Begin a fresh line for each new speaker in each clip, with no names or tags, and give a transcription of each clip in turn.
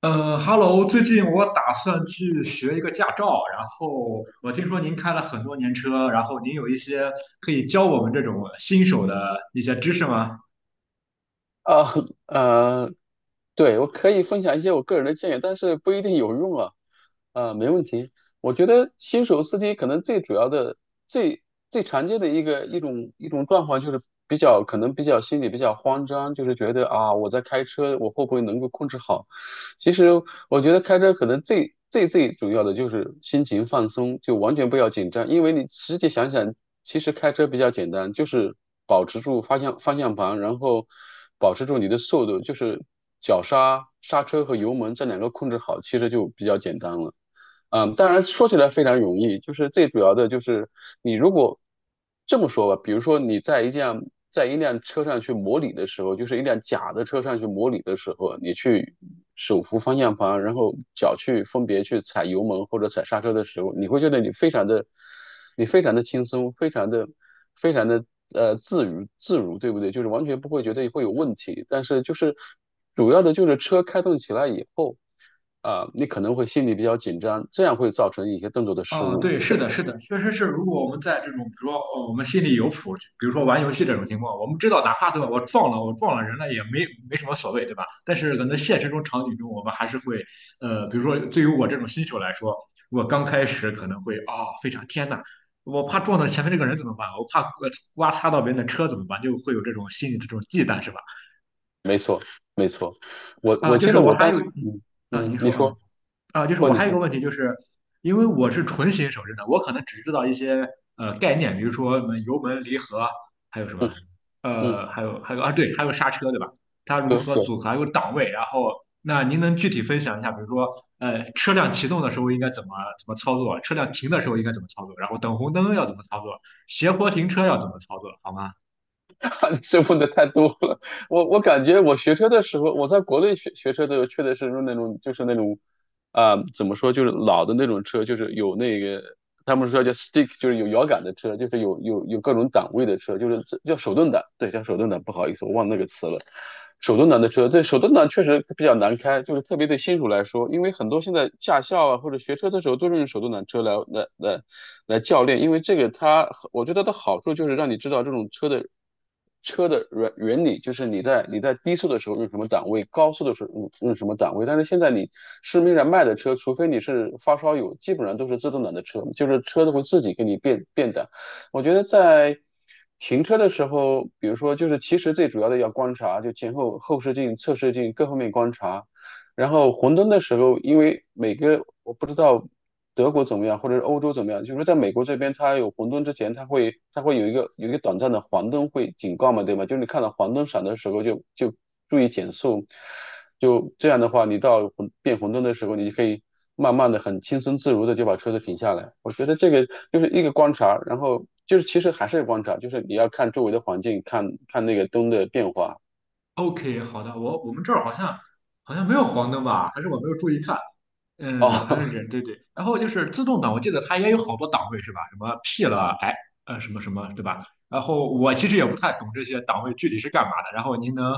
Hello，最近我打算去学一个驾照，然后我听说您开了很多年车，然后您有一些可以教我们这种新手的一些知识吗？
啊，呃，对，我可以分享一些我个人的建议，但是不一定有用啊。啊，没问题。我觉得新手司机可能最主要的、最最常见的一种状况就是比较可能比较心里比较慌张，就是觉得啊，我在开车，我会不会能够控制好？其实我觉得开车可能最主要的就是心情放松，就完全不要紧张。因为你实际想想，其实开车比较简单，就是保持住方向盘，然后保持住你的速度，就是脚刹、刹车和油门这两个控制好，其实就比较简单了。当然说起来非常容易，就是最主要的就是你如果这么说吧，比如说你在一辆车上去模拟的时候，就是一辆假的车上去模拟的时候，你去手扶方向盘，然后脚去分别去踩油门或者踩刹车的时候，你会觉得你非常的轻松，非常的自如，对不对？就是完全不会觉得会有问题，但是就是。主要的就是车开动起来以后，你可能会心里比较紧张，这样会造成一些动作的失
哦，
误。
对，是的，是的，确实是。如果我们在这种，比如说，我们心里有谱，比如说玩游戏这种情况，我们知道，哪怕对吧，我撞了，我撞了人了，也没什么所谓，对吧？但是可能现实中场景中，我们还是会，比如说，对于我这种新手来说，我刚开始可能会非常天呐，我怕撞到前面这个人怎么办？我怕刮擦到别人的车怎么办？就会有这种心理的这种忌惮，是吧？
没错，没错。我我
就
记
是
得
我
我
还
当
有，
时，
嗯，
嗯
啊，
嗯，
您
你
说啊。
说，
啊，就是
或
我
你
还有一个
说，
问题，就是因为我是纯新手，真的，我可能只知道一些概念，比如说什么油门、离合，还有什么，
嗯嗯，
呃，还有啊，对，还有刹车，对吧？它如
对
何
对。
组合，还有档位，然后那您能具体分享一下，比如说车辆启动的时候应该怎么操作，车辆停的时候应该怎么操作，然后等红灯要怎么操作，斜坡停车要怎么操作，好吗
这问的太多了。我感觉我学车的时候，我在国内学车的时候，确实是那种怎么说，就是老的那种车，就是有那个他们说叫 stick,就是有摇杆的车，就是有各种档位的车，就是叫手动挡，对，叫手动挡。不好意思，我忘那个词了。手动挡的车，对，手动挡确实比较难开，就是特别对新手来说。因为很多现在驾校啊或者学车的时候都是用手动挡车来教练，因为这个它，我觉得它的好处就是让你知道这种车的原理。就是你在低速的时候用什么档位，高速的时候用什么档位。但是现在你市面上卖的车，除非你是发烧友，基本上都是自动挡的车，就是车子会自己给你变档。我觉得在停车的时候，比如说就是其实最主要的要观察，就前后后视镜、侧视镜各方面观察。然后红灯的时候，因为每个我不知道德国怎么样，或者是欧洲怎么样，就是说在美国这边，它有红灯之前，它会有一个短暂的黄灯会警告嘛，对吗？就是你看到黄灯闪的时候就注意减速。就这样的话，你到红灯的时候，你就可以慢慢的、很轻松自如的就把车子停下来。我觉得这个就是一个观察，然后就是其实还是观察，就是你要看周围的环境，看看那个灯的变化。
？OK，好的，我们这儿好像没有黄灯吧？还是我没有注意看？嗯，好像
哦
是对对。然后就是自动挡，我记得它也有好多档位是吧？什么 P 了，哎，什么什么，对吧？然后我其实也不太懂这些档位具体是干嘛的。然后您能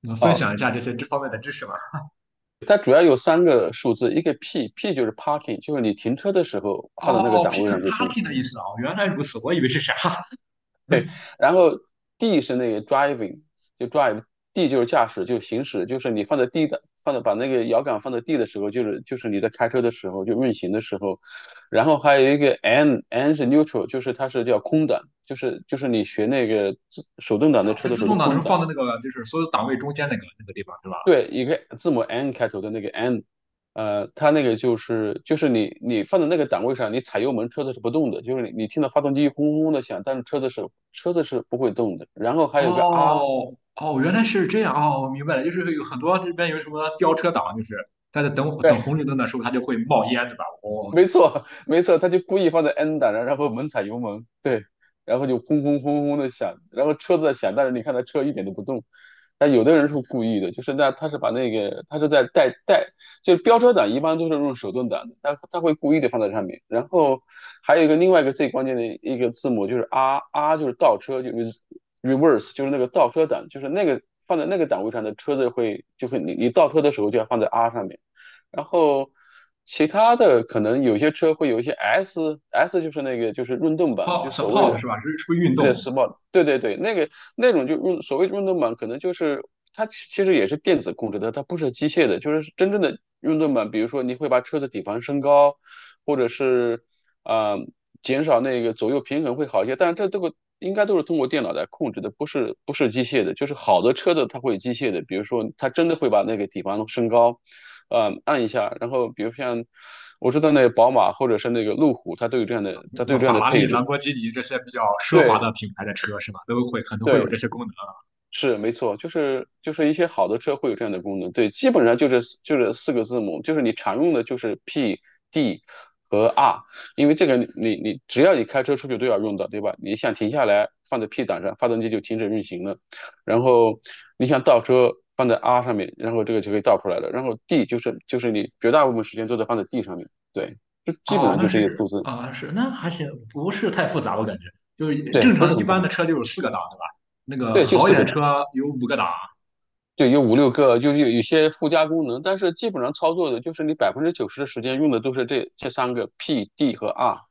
能 分
哦，
享一下这些这方面的知识吗？
它主要有三个数字，一个 P，P 就是 parking,就是你停车的时候放在那个
哦
档
，P 就
位
是
上就行了。
parking 的意思啊，原来如此，我以为是啥？
对，然后 D 是那个 driving,就 drive，D 就是驾驶，就行驶。就是你放在 D 的，放在把那个摇杆放在 D 的时候，就是你在开车的时候，就运行的时候。然后还有一个 N，N 是 neutral,就是它是叫空挡，就是你学那个手动挡的
啊，
车
是
的
自
时候的
动挡的时
空
候
挡。
放在那个就是所有档位中间那个地方对吧？
对，一个字母 N 开头的那个 N,它那个就是你你放在那个档位上，你踩油门车子是不动的，就是你听到发动机轰轰的响，但是车子是不会动的。然后还有个 R,
哦哦，原来是这样哦，我明白了，就是有很多这边有什么飙车党，就是他在等
对
红绿灯的时候，它就会冒烟，对吧？哦，
没错，没错，他就故意放在 N 档，然后猛踩油门，对，然后就轰轰轰轰的响，然后车子在响，但是你看他车一点都不动。但有的人是故意的，就是那他是把那个他是在带，就是飙车档一般都是用手动挡的，他会故意的放在上面。然后还有一个另外一个最关键的一个字母就是 R，R 就是倒车，就是 reverse,就是那个倒车档，就是那个放在那个档位上的车子就会你倒车的时候就要放在 R 上面。然后其他的可能有些车会有一些 S，S 就是那个就是运动版，就
support
所谓
support
的
是吧？是不是运
对的，r
动？
t 对对对，那种就所谓运动版，可能就是它其实也是电子控制的，它不是机械的，就是真正的运动版。比如说你会把车子底盘升高，或者是啊、呃减少那个左右平衡会好一些，但是这个应该都是通过电脑来控制的，不是不是机械的。就是好的车子它会机械的，比如说它真的会把那个底盘升高，按一下。然后比如像我知道那个宝马或者是那个路虎，它都有这样的，它
什
都
么
有这样
法
的
拉利、
配
兰
置。
博基尼这些比较奢华的
对
品牌的车是吧？都会可能会有这
对，
些功能。
是没错，就是一些好的车会有这样的功能。对，基本上就是四个字母，就是你常用的就是 P、D 和 R,因为这个你只要你开车出去都要用到，对吧？你想停下来放在 P 档上，发动机就停止运行了。然后你想倒车放在 R 上面，然后这个就可以倒出来了。然后 D 就是你绝大部分时间都在放在 D 上面，对，就基本
哦，
上
那
就这些
是
数字。
是那还行，不是太复杂，我感觉就是
对，
正
不是
常一
很复
般
杂，
的车就有四个档，对吧？那个
对，就
好一
四
点
个
的
档。
车有五个档。
对，有五六个，就是有些附加功能。但是基本上操作的就是你90%的时间用的都是这三个 P、D 和 R。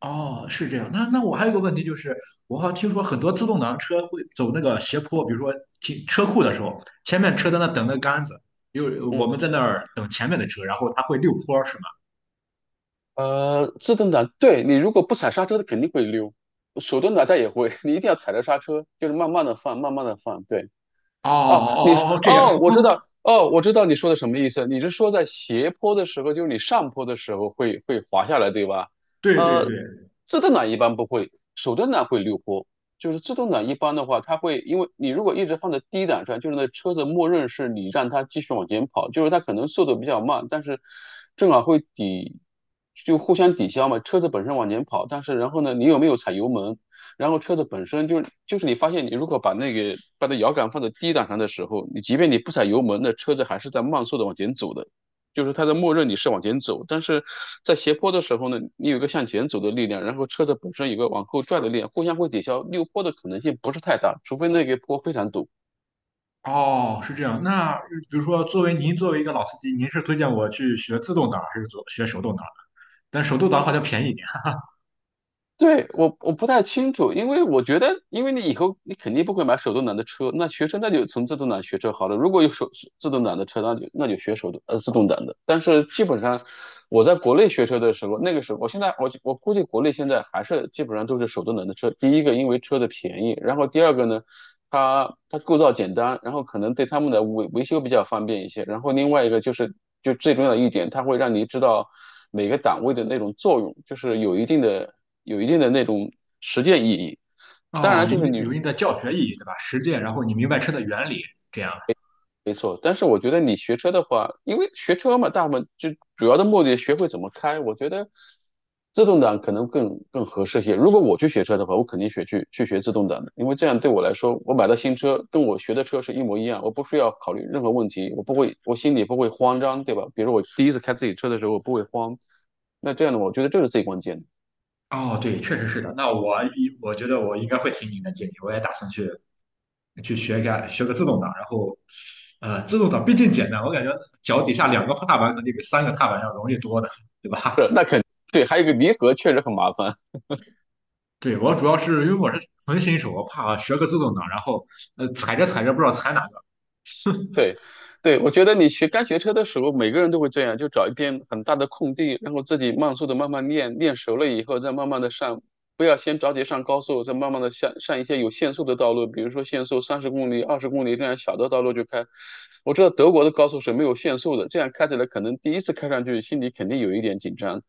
哦，是这样。那我还有一个问题就是，我好像听说很多自动挡车会走那个斜坡，比如说停车库的时候，前面车在那等那杆子，因为我
嗯，
们在那儿等前面的车，然后它会溜坡，是吗？
自动挡，对你如果不踩刹车，它肯定会溜；手动挡它也会，你一定要踩着刹车，就是慢慢的放，慢慢的放。对。
哦
哦，你说
哦哦，这样，
哦，我知
哦，
道，哦，我知道你说的什么意思。你是说在斜坡的时候，就是你上坡的时候会滑下来，对吧？
对对
呃，
对，
自动挡一般不会，手动挡会溜坡。就是自动挡一般的话，它会因为你如果一直放在低档上，就是那车子默认是你让它继续往前跑，就是它可能速度比较慢，但是正好会抵，就互相抵消嘛。车子本身往前跑，但是然后呢，你有没有踩油门？然后车子本身就是你发现你如果把那摇杆放在低档上的时候，你即便你不踩油门，那车子还是在慢速的往前走的，就是它的默认你是往前走。但是在斜坡的时候呢，你有一个向前走的力量，然后车子本身有个往后拽的力量，互相会抵消，溜坡的可能性不是太大，除非那个坡非常陡。
哦，是这样。那比如说，作为您作为一个老司机，您是推荐我去学自动挡还是学手动挡？但手动挡好像便宜一点。
对，我不太清楚，因为我觉得，因为你以后你肯定不会买手动挡的车，那学车那就从自动挡学车好了。如果有自动挡的车，那就学自动挡的。但是基本上我在国内学车的时候，那个时候，我估计国内现在还是基本上都是手动挡的车。第一个，因为车的便宜，然后第二个呢，它构造简单，然后可能对他们的维修比较方便一些。然后另外一个就是，就最重要的一点，它会让你知道每个档位的那种作用，就是有一定的。有一定的那种实践意义。当
哦，
然，
有一
就是
定
你。
有一定的教学意义，对吧？实践，然后你明白车的原理，这样。
没错，但是我觉得你学车的话，因为学车嘛，大部分就主要的目的学会怎么开。我觉得自动挡可能更合适些。如果我去学车的话，我肯定去学自动挡的，因为这样对我来说，我买到新车跟我学的车是一模一样，我不需要考虑任何问题，我不会，我心里不会慌张，对吧？比如我第一次开自己车的时候，我不会慌。那这样的话，我觉得这是最关键的。
哦，对，确实是的。那我觉得我应该会听您的建议，我也打算去学个自动挡，然后自动挡毕竟简单，我感觉脚底下两个踏板肯定比三个踏板要容易多的，对吧？
是，对，还有一个离合确实很麻烦。
对，我主要是因为我是纯新手，我怕学个自动挡，然后踩着踩着不知道踩哪个。
对，对，我觉得你刚学车的时候，每个人都会这样，就找一片很大的空地，然后自己慢速的慢慢练，练熟了以后再慢慢的上，不要先着急上高速，再慢慢的上一些有限速的道路，比如说限速30公里、20公里这样小的道路就开。我知道德国的高速是没有限速的，这样开起来可能第一次开上去心里肯定有一点紧张。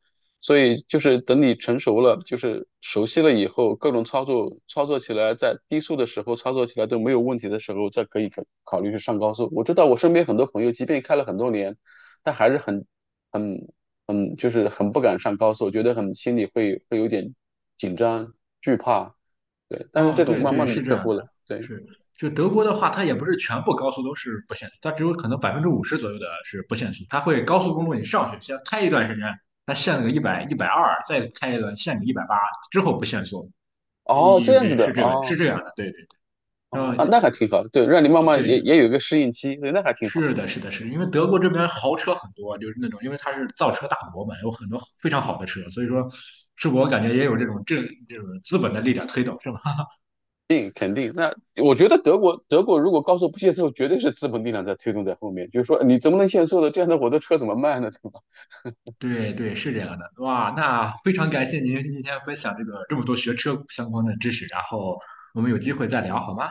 所以就是等你成熟了，就是熟悉了以后，各种操作操作起来，在低速的时候操作起来都没有问题的时候，再可以考虑去上高速。我知道我身边很多朋友，即便开了很多年，但还是很很很就是很不敢上高速，觉得很心里会有点紧张惧怕。对，但是
哦，
这种
对
慢
对，
慢的就
是这
克
样的，
服了。对，
是就德国的话，它也不是全部高速都是不限速，它只有可能50%左右的是不限速，它会高速公路你上去先开一段时间，它限个一百一百二，120再开一段限你180，之后不限速。
哦，这
有
样子
这
的，
是这个是
哦
这样的，对对，然
哦
后
啊，那还挺好。对，让你慢慢也
对，
也有一个适应期，对，那还挺好。
是的，是的，是的因为德国这边豪车很多，就是那种，因为它是造车大国嘛，有很多非常好的车，所以说，是我感觉也有这种资本的力量推动，是吧？
肯定，那我觉得德国如果高速不限速，绝对是资本力量在推动在后面，就是说你怎么能限速呢？这样的我的车怎么卖呢？对吧？
对对，是这样的。哇，那非常感谢您今天分享这个这么多学车相关的知识，然后我们有机会再聊好吗？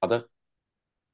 好的，